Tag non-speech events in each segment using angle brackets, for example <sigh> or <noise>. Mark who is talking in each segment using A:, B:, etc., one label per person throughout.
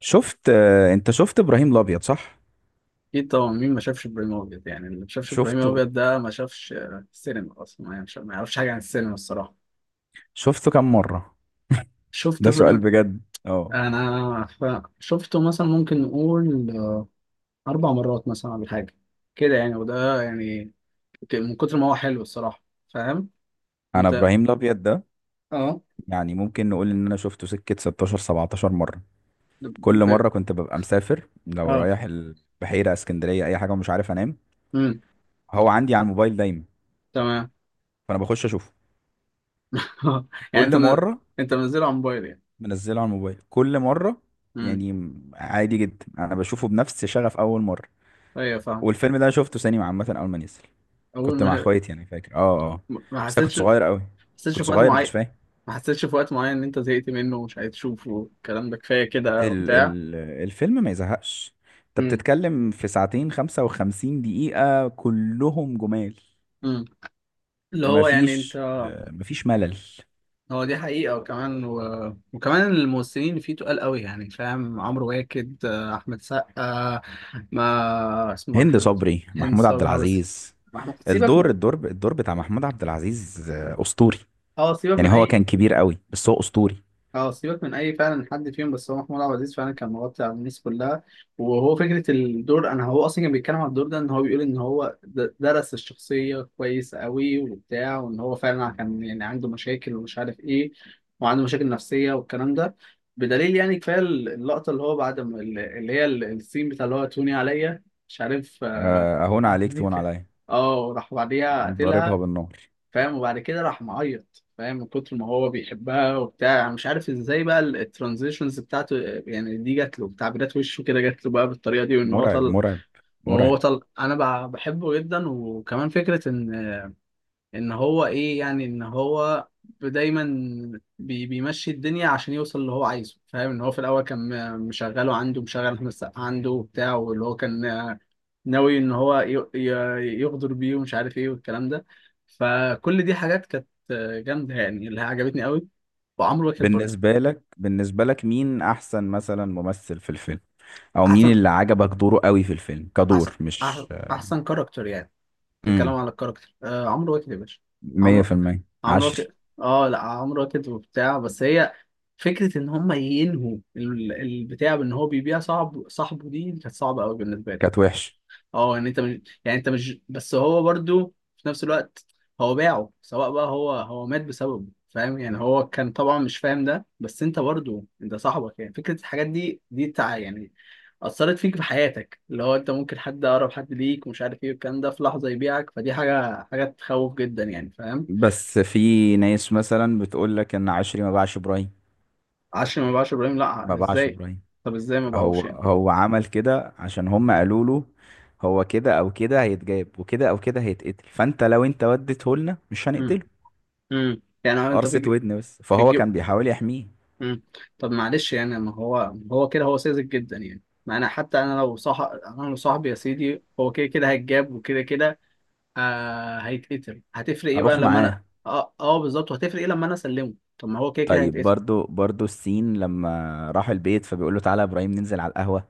A: شفت آه، انت شفت ابراهيم الابيض صح؟
B: اكيد طبعا، مين ما شافش ابراهيم الابيض؟ يعني اللي ما شافش ابراهيم
A: شفته.
B: الابيض ده ما شافش السينما، اصلا ما يعرفش حاجه عن السينما الصراحه.
A: شفته كم مره؟
B: شفت
A: ده سؤال
B: ابراهيم؟
A: بجد. اه.
B: انا شفته مثلا، ممكن نقول اربع مرات مثلا ولا حاجه كده يعني. وده يعني من كتر ما هو حلو الصراحه. فاهم.
A: انا
B: انت.
A: ابراهيم الابيض ده،
B: اه.
A: يعني ممكن نقول ان انا شفته سكه 16 17 مره. كل مره
B: ب...
A: كنت ببقى مسافر لو
B: اه.
A: رايح البحيره اسكندريه اي حاجه ومش عارف انام،
B: امم.
A: هو عندي على الموبايل دايما،
B: تمام.
A: فانا بخش اشوفه
B: <laughs> يعني انت
A: كل مره.
B: انت منزله على موبايل يعني.
A: منزله على الموبايل كل مره.
B: امم.
A: يعني عادي جدا انا بشوفه بنفس شغف اول مره.
B: ايوه فاهم.
A: والفيلم ده أنا شفته سينما عامة أول ما نزل.
B: اول
A: كنت مع
B: ما
A: اخواتي، يعني فاكر.
B: ما
A: بس أنا كنت
B: حسيتش ما
A: صغير قوي.
B: حسيتش
A: كنت
B: في وقت
A: صغير ما كنتش
B: معين
A: فاهم.
B: ما حسيتش في وقت معين ان انت زهقت منه ومش عايز تشوفه، الكلام ده كفايه كده
A: ال
B: وبتاع.
A: ال الفيلم ما يزهقش. أنت
B: امم.
A: بتتكلم في ساعتين 55 دقيقة كلهم جمال.
B: امم. اللي هو يعني انت.
A: مفيش ملل.
B: هو دي حقيقه، وكمان وكمان الممثلين اللي فيه تقال قوي يعني، فاهم، عمرو واكد احمد سقا. ما
A: هند
B: اسمها؟
A: صبري،
B: هند
A: محمود عبد
B: صبري بس.
A: العزيز.
B: ما احنا سيبك من...
A: الدور بتاع محمود عبد العزيز أسطوري.
B: اه سيبك
A: يعني
B: من
A: هو
B: اي
A: كان كبير قوي بس هو أسطوري.
B: اه سيبك من اي فعلا، حد فيهم بس هو محمود عبد العزيز فعلا كان مغطي على الناس كلها. وهو فكره الدور، انا هو اصلا كان بيتكلم عن الدور ده، ان هو بيقول ان هو درس الشخصيه كويس قوي وبتاع، وان هو فعلا كان يعني عنده مشاكل ومش عارف ايه، وعنده مشاكل نفسيه والكلام ده. بدليل يعني كفايه اللقطه اللي هو بعد ما اللي هي السين بتاع اللي هو توني عليا، مش عارف
A: آه، أهون عليك تهون
B: أهملك.
A: عليا.
B: اه، وراح بعديها
A: ضاربها
B: قتلها.
A: بالنار.
B: فاهم. وبعد كده راح معيط، فاهم، من كتر ما هو بيحبها وبتاع يعني. مش عارف ازاي بقى الترانزيشنز بتاعته يعني، دي جات له تعبيرات وشه كده، جات له بقى بالطريقه دي، وان هو
A: مرعب
B: طل.
A: مرعب
B: وهو
A: مرعب.
B: طل انا بحبه جدا. وكمان فكره ان ان هو ايه يعني ان هو دايما بيمشي الدنيا عشان يوصل اللي هو عايزه، فاهم، ان هو في الاول كان مشغله عنده، مشغل احمد السقا عنده وبتاع، واللي هو كان ناوي ان هو يغدر بيه ومش عارف ايه والكلام ده. فكل دي حاجات كانت جامده يعني، اللي هي عجبتني قوي. وعمرو واكد برضه.
A: بالنسبة لك مين أحسن مثلا ممثل في الفيلم؟ أو مين
B: احسن.
A: اللي عجبك دوره قوي في الفيلم
B: احسن.
A: كدور؟ مش
B: احسن كاركتر يعني؟ بتتكلم
A: امم
B: على الكاركتر، آه، عمرو واكد يا باشا.
A: مية
B: عمرو
A: في المية
B: عمرو
A: عشري.
B: واكد. اه لا، عمرو واكد وبتاع بس هي، فكره ان هم ينهوا البتاع، بان هو بيبيع صاحبه، دي كانت صعبه قوي بالنسبه لي.
A: كانت وحش.
B: اه يعني انت مش، بس هو برضو في نفس الوقت هو باعه. سواء بقى هو مات بسببه، فاهم. يعني هو كان طبعا مش فاهم ده، بس انت برضو انت صاحبك. يعني فكرة الحاجات دي دي تع يعني أثرت فيك في حياتك، اللي هو انت ممكن حد، حد ليك ومش عارف ايه والكلام ده، في لحظة يبيعك. فدي حاجة تخوف جدا يعني، فاهم.
A: بس في ناس مثلا بتقول لك إن عشري ما باعش إبراهيم.
B: عشري ما باعش إبراهيم؟
A: ما
B: لا،
A: باعش
B: ازاي؟
A: إبراهيم.
B: طب ازاي ما
A: هو
B: باعوش يعني؟
A: هو عمل كده عشان هم قالوا له، هو كده أو كده هيتجاب وكده أو كده هيتقتل، فأنت لو أنت وديته لنا مش
B: امم.
A: هنقتله.
B: امم. يعني انت
A: قرصة
B: بتجيب.
A: ودن بس، فهو كان بيحاول يحميه.
B: مم. طب معلش يعني، ما هو هو كده هو ساذج جدا يعني. ما انا حتى انا لو صاحبي يا سيدي، هو كده كده هيتجاب، وكده كده هيتقتل، هتفرق ايه بقى
A: أروح
B: لما انا...
A: معاه.
B: اه، بالظبط، وهتفرق ايه لما انا اسلمه؟ طب ما هو كده كده
A: طيب،
B: هيتقتل.
A: برضو السين لما راح البيت فبيقول له تعالى يا ابراهيم ننزل على القهوة.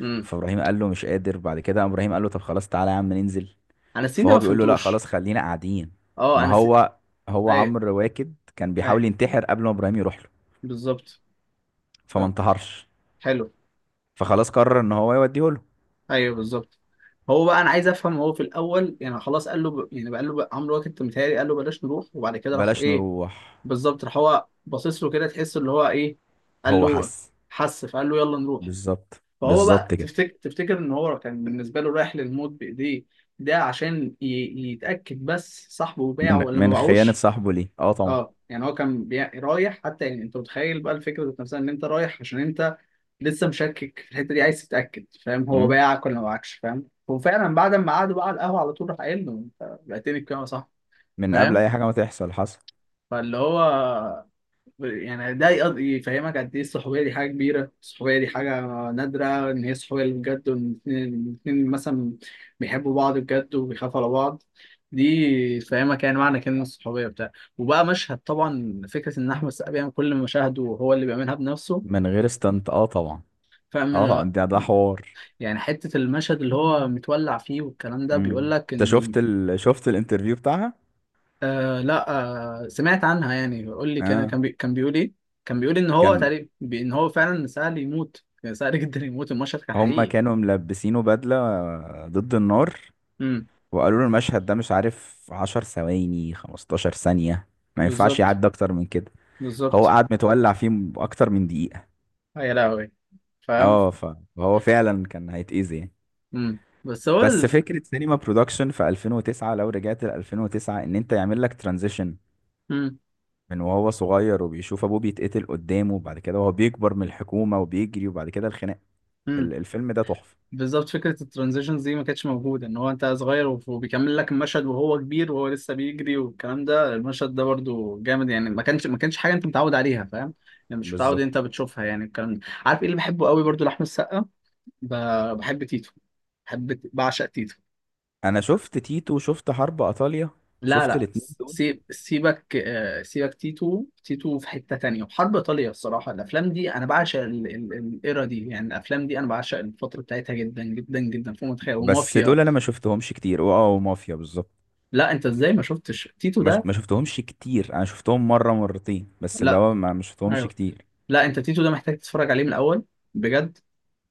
B: امم.
A: فابراهيم قال له مش قادر، بعد كده قام ابراهيم قال له طب خلاص تعالى يا عم ننزل،
B: انا السين ده
A: فهو
B: ما
A: بيقول له لا
B: فهمتوش.
A: خلاص خلينا قاعدين.
B: اه،
A: ما هو
B: ايوه.
A: عمرو واكد كان
B: ايوه
A: بيحاول ينتحر قبل ما ابراهيم يروح له.
B: بالظبط.
A: فما
B: طب،
A: انتحرش،
B: حلو.
A: فخلاص قرر ان هو يوديه له.
B: ايوه بالظبط. هو بقى انا عايز افهم، هو في الاول يعني خلاص قال له يعني بقى، قال له بقى عمرو واكد متهيألي قال له بلاش نروح، وبعد كده راح
A: بلاش
B: ايه؟
A: نروح.
B: بالظبط. راح هو باصص له كده، تحس اللي هو ايه. قال
A: هو
B: له...
A: حس.
B: حس فقال له يلا نروح.
A: بالظبط
B: فهو بقى،
A: بالظبط كده.
B: تفتكر ان هو كان بالنسبه له رايح للموت بايديه، ده عشان يتاكد بس، صاحبه باعه
A: من
B: ولا ما
A: من خيانة
B: باعوش؟
A: صاحبه ليه، اه طبعا.
B: اه يعني هو كان رايح حتى، يعني انت متخيل بقى الفكره ذات نفسها، ان انت رايح عشان انت لسه مشكك في الحته دي، عايز تتاكد، فاهم، هو
A: مم.
B: باعك ولا ما باعكش. فاهم. وفعلا بعد ما قعدوا بقى على القهوه، على طول راح قايل له: انت بعتني بكام يا صاحبي؟
A: من قبل
B: فاهم.
A: اي حاجة ما تحصل حصل.
B: فاللي هو يعني، ده يفهمك قد ايه الصحوبيه دي حاجه كبيره. الصحوبيه دي حاجه نادره، ان هي صحوبيه اللي بجد، وان الاتنين مثلا بيحبوا بعض بجد وبيخافوا على بعض. دي تفهمك يعني معنى كلمه الصحوبيه بتاع. وبقى مشهد، طبعا فكره ان احمد السقا بيعمل كل مشاهده وهو اللي بيعملها بنفسه،
A: من غير استنت، اه طبعا. اه
B: فاهم.
A: طبعا ده حوار.
B: يعني حتة المشهد اللي هو متولع فيه والكلام ده، بيقول
A: مم.
B: لك
A: انت
B: إن...
A: شفت شفت الانترفيو بتاعها؟
B: آه، لا. آه، سمعت عنها يعني. قول لي،
A: اه،
B: كان بيقول ايه؟ كان بيقول ان هو
A: كان
B: تقريبا ان هو فعلا سهل يموت، كان سهل <laughs> جدا يموت، المشهد كان
A: هما
B: حقيقي.
A: كانوا ملبسينه بدلة ضد النار.
B: امم.
A: وقالوا له المشهد ده مش عارف 10 ثواني 15 ثانية ما ينفعش
B: بالظبط.
A: يعدي اكتر من كده. هو
B: بالظبط.
A: قعد متولع فيه اكتر من دقيقة.
B: يا لهوي. فاهم.
A: اه، فهو فعلا كان هيتأذي يعني.
B: بس هو
A: بس فكرة سينما برودكشن في 2009، لو رجعت ل 2009 ان انت يعمل لك ترانزيشن
B: امم.
A: من وهو صغير وبيشوف ابوه بيتقتل قدامه وبعد كده وهو بيكبر من الحكومة وبيجري وبعد كده الخناقة.
B: امم.
A: الفيلم ده تحفة.
B: بالظبط. فكرة الترانزيشنز دي ما كانتش موجودة، ان هو انت صغير وبيكمل لك المشهد وهو كبير، وهو لسه بيجري والكلام ده. المشهد ده برضو جامد يعني، ما كانش حاجة انت متعود عليها، فاهم. يعني مش متعود انت
A: بالظبط.
B: بتشوفها يعني، الكلام ده. عارف ايه اللي بحبه قوي برضو لأحمد السقا؟ بحب تيتو. بعشق تيتو.
A: انا شفت تيتو وشفت حرب ايطاليا.
B: لا
A: شفت
B: لا،
A: الاتنين دول.
B: سيبك تيتو. تيتو في حتة تانية، وحرب إيطاليا. الصراحة الأفلام دي أنا بعشق الإيرا دي يعني. الأفلام دي أنا بعشق الفترة بتاعتها جدا جدا جدا، فوق ما تتخيل،
A: بس دول
B: ومافيا.
A: انا ما شفتهمش كتير، واه، ومافيا بالظبط.
B: لا أنت إزاي ما شفتش تيتو ده؟
A: ما شفتهمش كتير. انا شفتهم مرة مرتين بس، اللي
B: لا.
A: هو ما شفتهمش
B: أيوه.
A: كتير.
B: لا أنت، تيتو ده محتاج تتفرج عليه من الأول، بجد.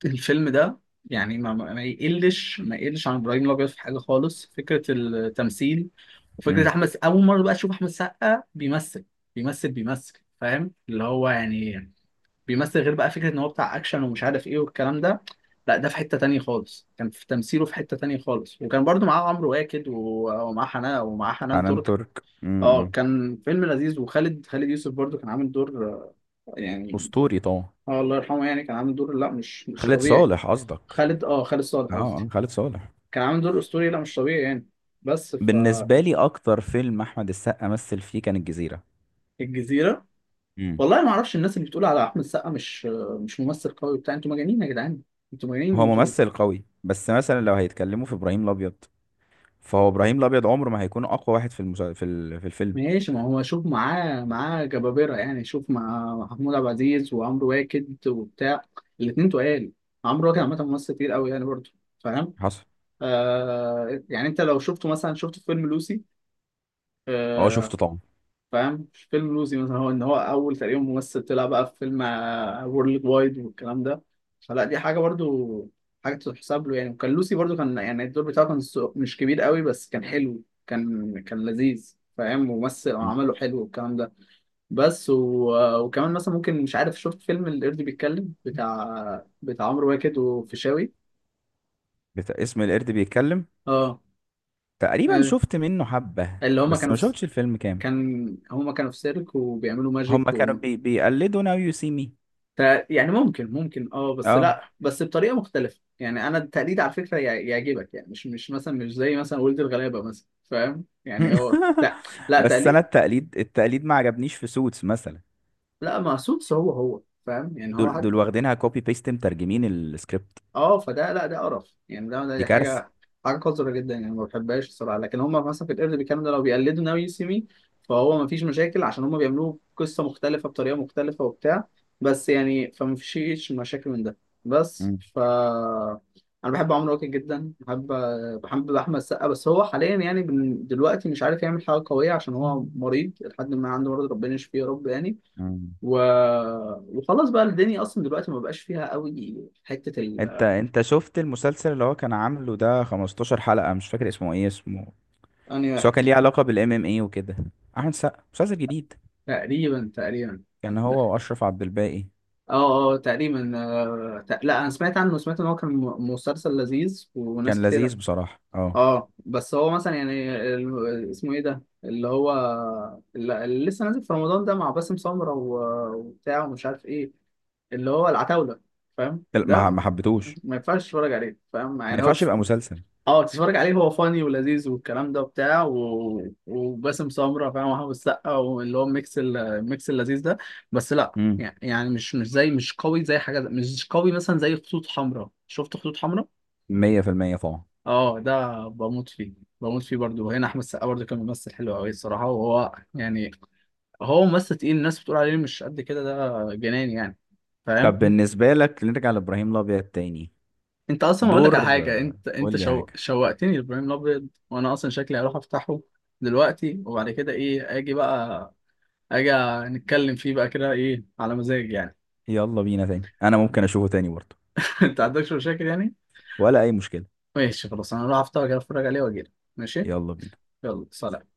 B: الفيلم ده يعني ما يقلش عن ابراهيم الابيض في حاجه خالص، فكره التمثيل. وفكره
A: امم.
B: احمد، اول مره بقى اشوف احمد سقا بيمثل، فاهم اللي هو يعني، بيمثل غير بقى، فكره ان هو بتاع اكشن ومش عارف ايه والكلام ده. لا، ده في حته تانية خالص، كان في تمثيله في حته تانية خالص. وكان برضو معاه عمرو واكد ومعاه حنان
A: حنان
B: ترك.
A: ترك.
B: اه،
A: امم.
B: كان فيلم لذيذ. خالد يوسف برضو كان عامل دور يعني.
A: اسطوري طبعا.
B: اه، الله يرحمه يعني، كان عامل دور، لا مش،
A: خالد
B: طبيعي.
A: صالح قصدك؟
B: خالد صالح
A: اه
B: قصدي.
A: آه، خالد صالح.
B: كان عامل دور اسطوري، لا مش طبيعي يعني. بس.
A: بالنسبة لي اكتر فيلم احمد السقا مثل فيه كان الجزيرة.
B: فالجزيره.
A: امم.
B: والله ما اعرفش، الناس اللي بتقول على احمد السقا مش ممثل قوي بتاع، انتوا مجانين يا جدعان. انتوا مجانين،
A: هو
B: انتوا...
A: ممثل قوي بس مثلا لو هيتكلموا في ابراهيم الابيض، فهو ابراهيم الابيض عمره ما هيكون اقوى واحد في المسا... في ال... في الفيلم.
B: ماشي، ما هو شوف، معاه جبابره يعني، شوف مع محمود عبد العزيز وعمرو واكد وبتاع، الاثنين تقال. عمرو واكد عامه ممثل كتير قوي يعني برضه، فاهم.
A: حصل.
B: آه يعني انت لو شفته مثلا، شفت في فيلم لوسي
A: اه
B: آه،
A: شفته طبعا.
B: فاهم؟ مش فيلم لوسي مثلا، هو ان هو اول تقريبا ممثل طلع بقى في فيلم وورلد وايد والكلام ده. فلا، دي حاجه برضو، حاجه تتحسب له يعني. وكان لوسي برضو، كان يعني الدور بتاعه كان مش كبير قوي، بس كان حلو، كان لذيذ، فاهم، ممثل
A: مم.
B: وعمله حلو والكلام ده. بس وكمان مثلا، ممكن مش عارف، شفت فيلم القرد بيتكلم بتاع عمرو واكد وفيشاوي؟
A: اسم القرد بيتكلم؟
B: اه،
A: تقريبا
B: أيوة.
A: شفت منه حبة،
B: اللي هما
A: بس
B: كانوا
A: ما
B: في
A: شفتش الفيلم كامل.
B: كان هما كانوا في سيرك وبيعملوا
A: هما
B: ماجيك.
A: كانوا بيقلدوا ناو يو سي مي.
B: يعني ممكن، اه، بس
A: اه.
B: لا، بس بطريقه مختلفه يعني. انا التقليد على فكره يعجبك يعني، مش مش مثلا مش زي مثلا ولد الغلابه مثلا، فاهم يعني، هو لا.
A: <laughs>
B: لا،
A: بس انا
B: تقليد.
A: التقليد التقليد ما عجبنيش في سوتس مثلا.
B: لا، ما سوتس هو، فاهم يعني هو
A: دول دول
B: حد.
A: واخدينها كوبي بيست، مترجمين السكريبت.
B: اه، فده لا، ده قرف يعني،
A: دي
B: ده
A: كارثة.
B: حاجه قذره جدا يعني، ما بحبهاش الصراحه. لكن هم مثلا في القرد بيتكلموا ده، لو بيقلدوا ناوي سيمي فهو ما فيش مشاكل، عشان هم بيعملوه قصه مختلفه بطريقه مختلفه وبتاع. بس يعني فما فيش مشاكل من ده. بس
A: مم.
B: ف انا بحب عمرو واكد جدا، بحب. احمد السقا بس هو حاليا يعني، دلوقتي مش عارف يعمل حاجه قويه، عشان هو مريض لحد ما عنده مرض، ربنا يشفيه يا رب يعني.
A: مم.
B: و... وخلاص بقى الدنيا اصلا دلوقتي ما بقاش فيها قوي حته.
A: انت شفت المسلسل اللي هو كان عامله ده 15 حلقة، مش فاكر اسمه ايه اسمه؟
B: أنهي
A: بس هو كان
B: واحد؟
A: ليه علاقة بالام ام اي وكده. احمد سقا مسلسل جديد،
B: تقريبا. تقريبا.
A: كان
B: لا.
A: هو واشرف عبد الباقي.
B: اه، اه تقريبا، لا، انا سمعت عنه، سمعت ان هو كان مسلسل لذيذ وناس
A: كان
B: كتير.
A: لذيذ بصراحة، اه.
B: اه، بس هو مثلا يعني اسمه ايه ده اللي هو، اللي لسه نازل في رمضان ده مع باسم سمرة وبتاع ومش عارف ايه، اللي هو العتاولة، فاهم
A: لا، ما
B: ده.
A: ما حبيتهوش.
B: ما ينفعش تتفرج عليه، فاهم
A: ما
B: يعني هو.
A: ينفعش يبقى مسلسل.
B: اه، تتفرج عليه هو فاني ولذيذ والكلام ده وبتاع، وباسم سمرة، فاهم، وحافظ السقا، واللي هو الميكس، الميكس اللذيذ ده. بس لا
A: امم.
B: يعني، مش، مش زي مش قوي زي حاجة، مش قوي مثلا زي خطوط حمراء. شفت خطوط حمراء؟
A: 100% طبعا.
B: اه، ده بموت فيه. بموت فيه برضه. وهنا احمد السقا برضه كان ممثل حلو قوي الصراحة. وهو يعني، هو ممثل تقيل، الناس بتقول عليه مش قد كده، ده جنان يعني.
A: طب
B: فاهم؟
A: بالنسبة لك نرجع لابراهيم الابيض تاني.
B: انت اصلا اقول لك على
A: دور.
B: حاجه، انت
A: قول
B: انت
A: لي حاجة.
B: شوقتني لابراهيم الابيض، وانا اصلا شكلي هروح افتحه دلوقتي، وبعد كده ايه، اجي نتكلم فيه بقى كده، ايه على مزاج يعني.
A: يلا بينا تاني، انا ممكن اشوفه تاني برضه.
B: <laughs> انت عندكش مشاكل يعني؟
A: ولا اي مشكلة.
B: ماشي، خلاص انا هروح افتحه كده، اتفرج عليه واجي، ماشي،
A: يلا بينا.
B: يلا سلام.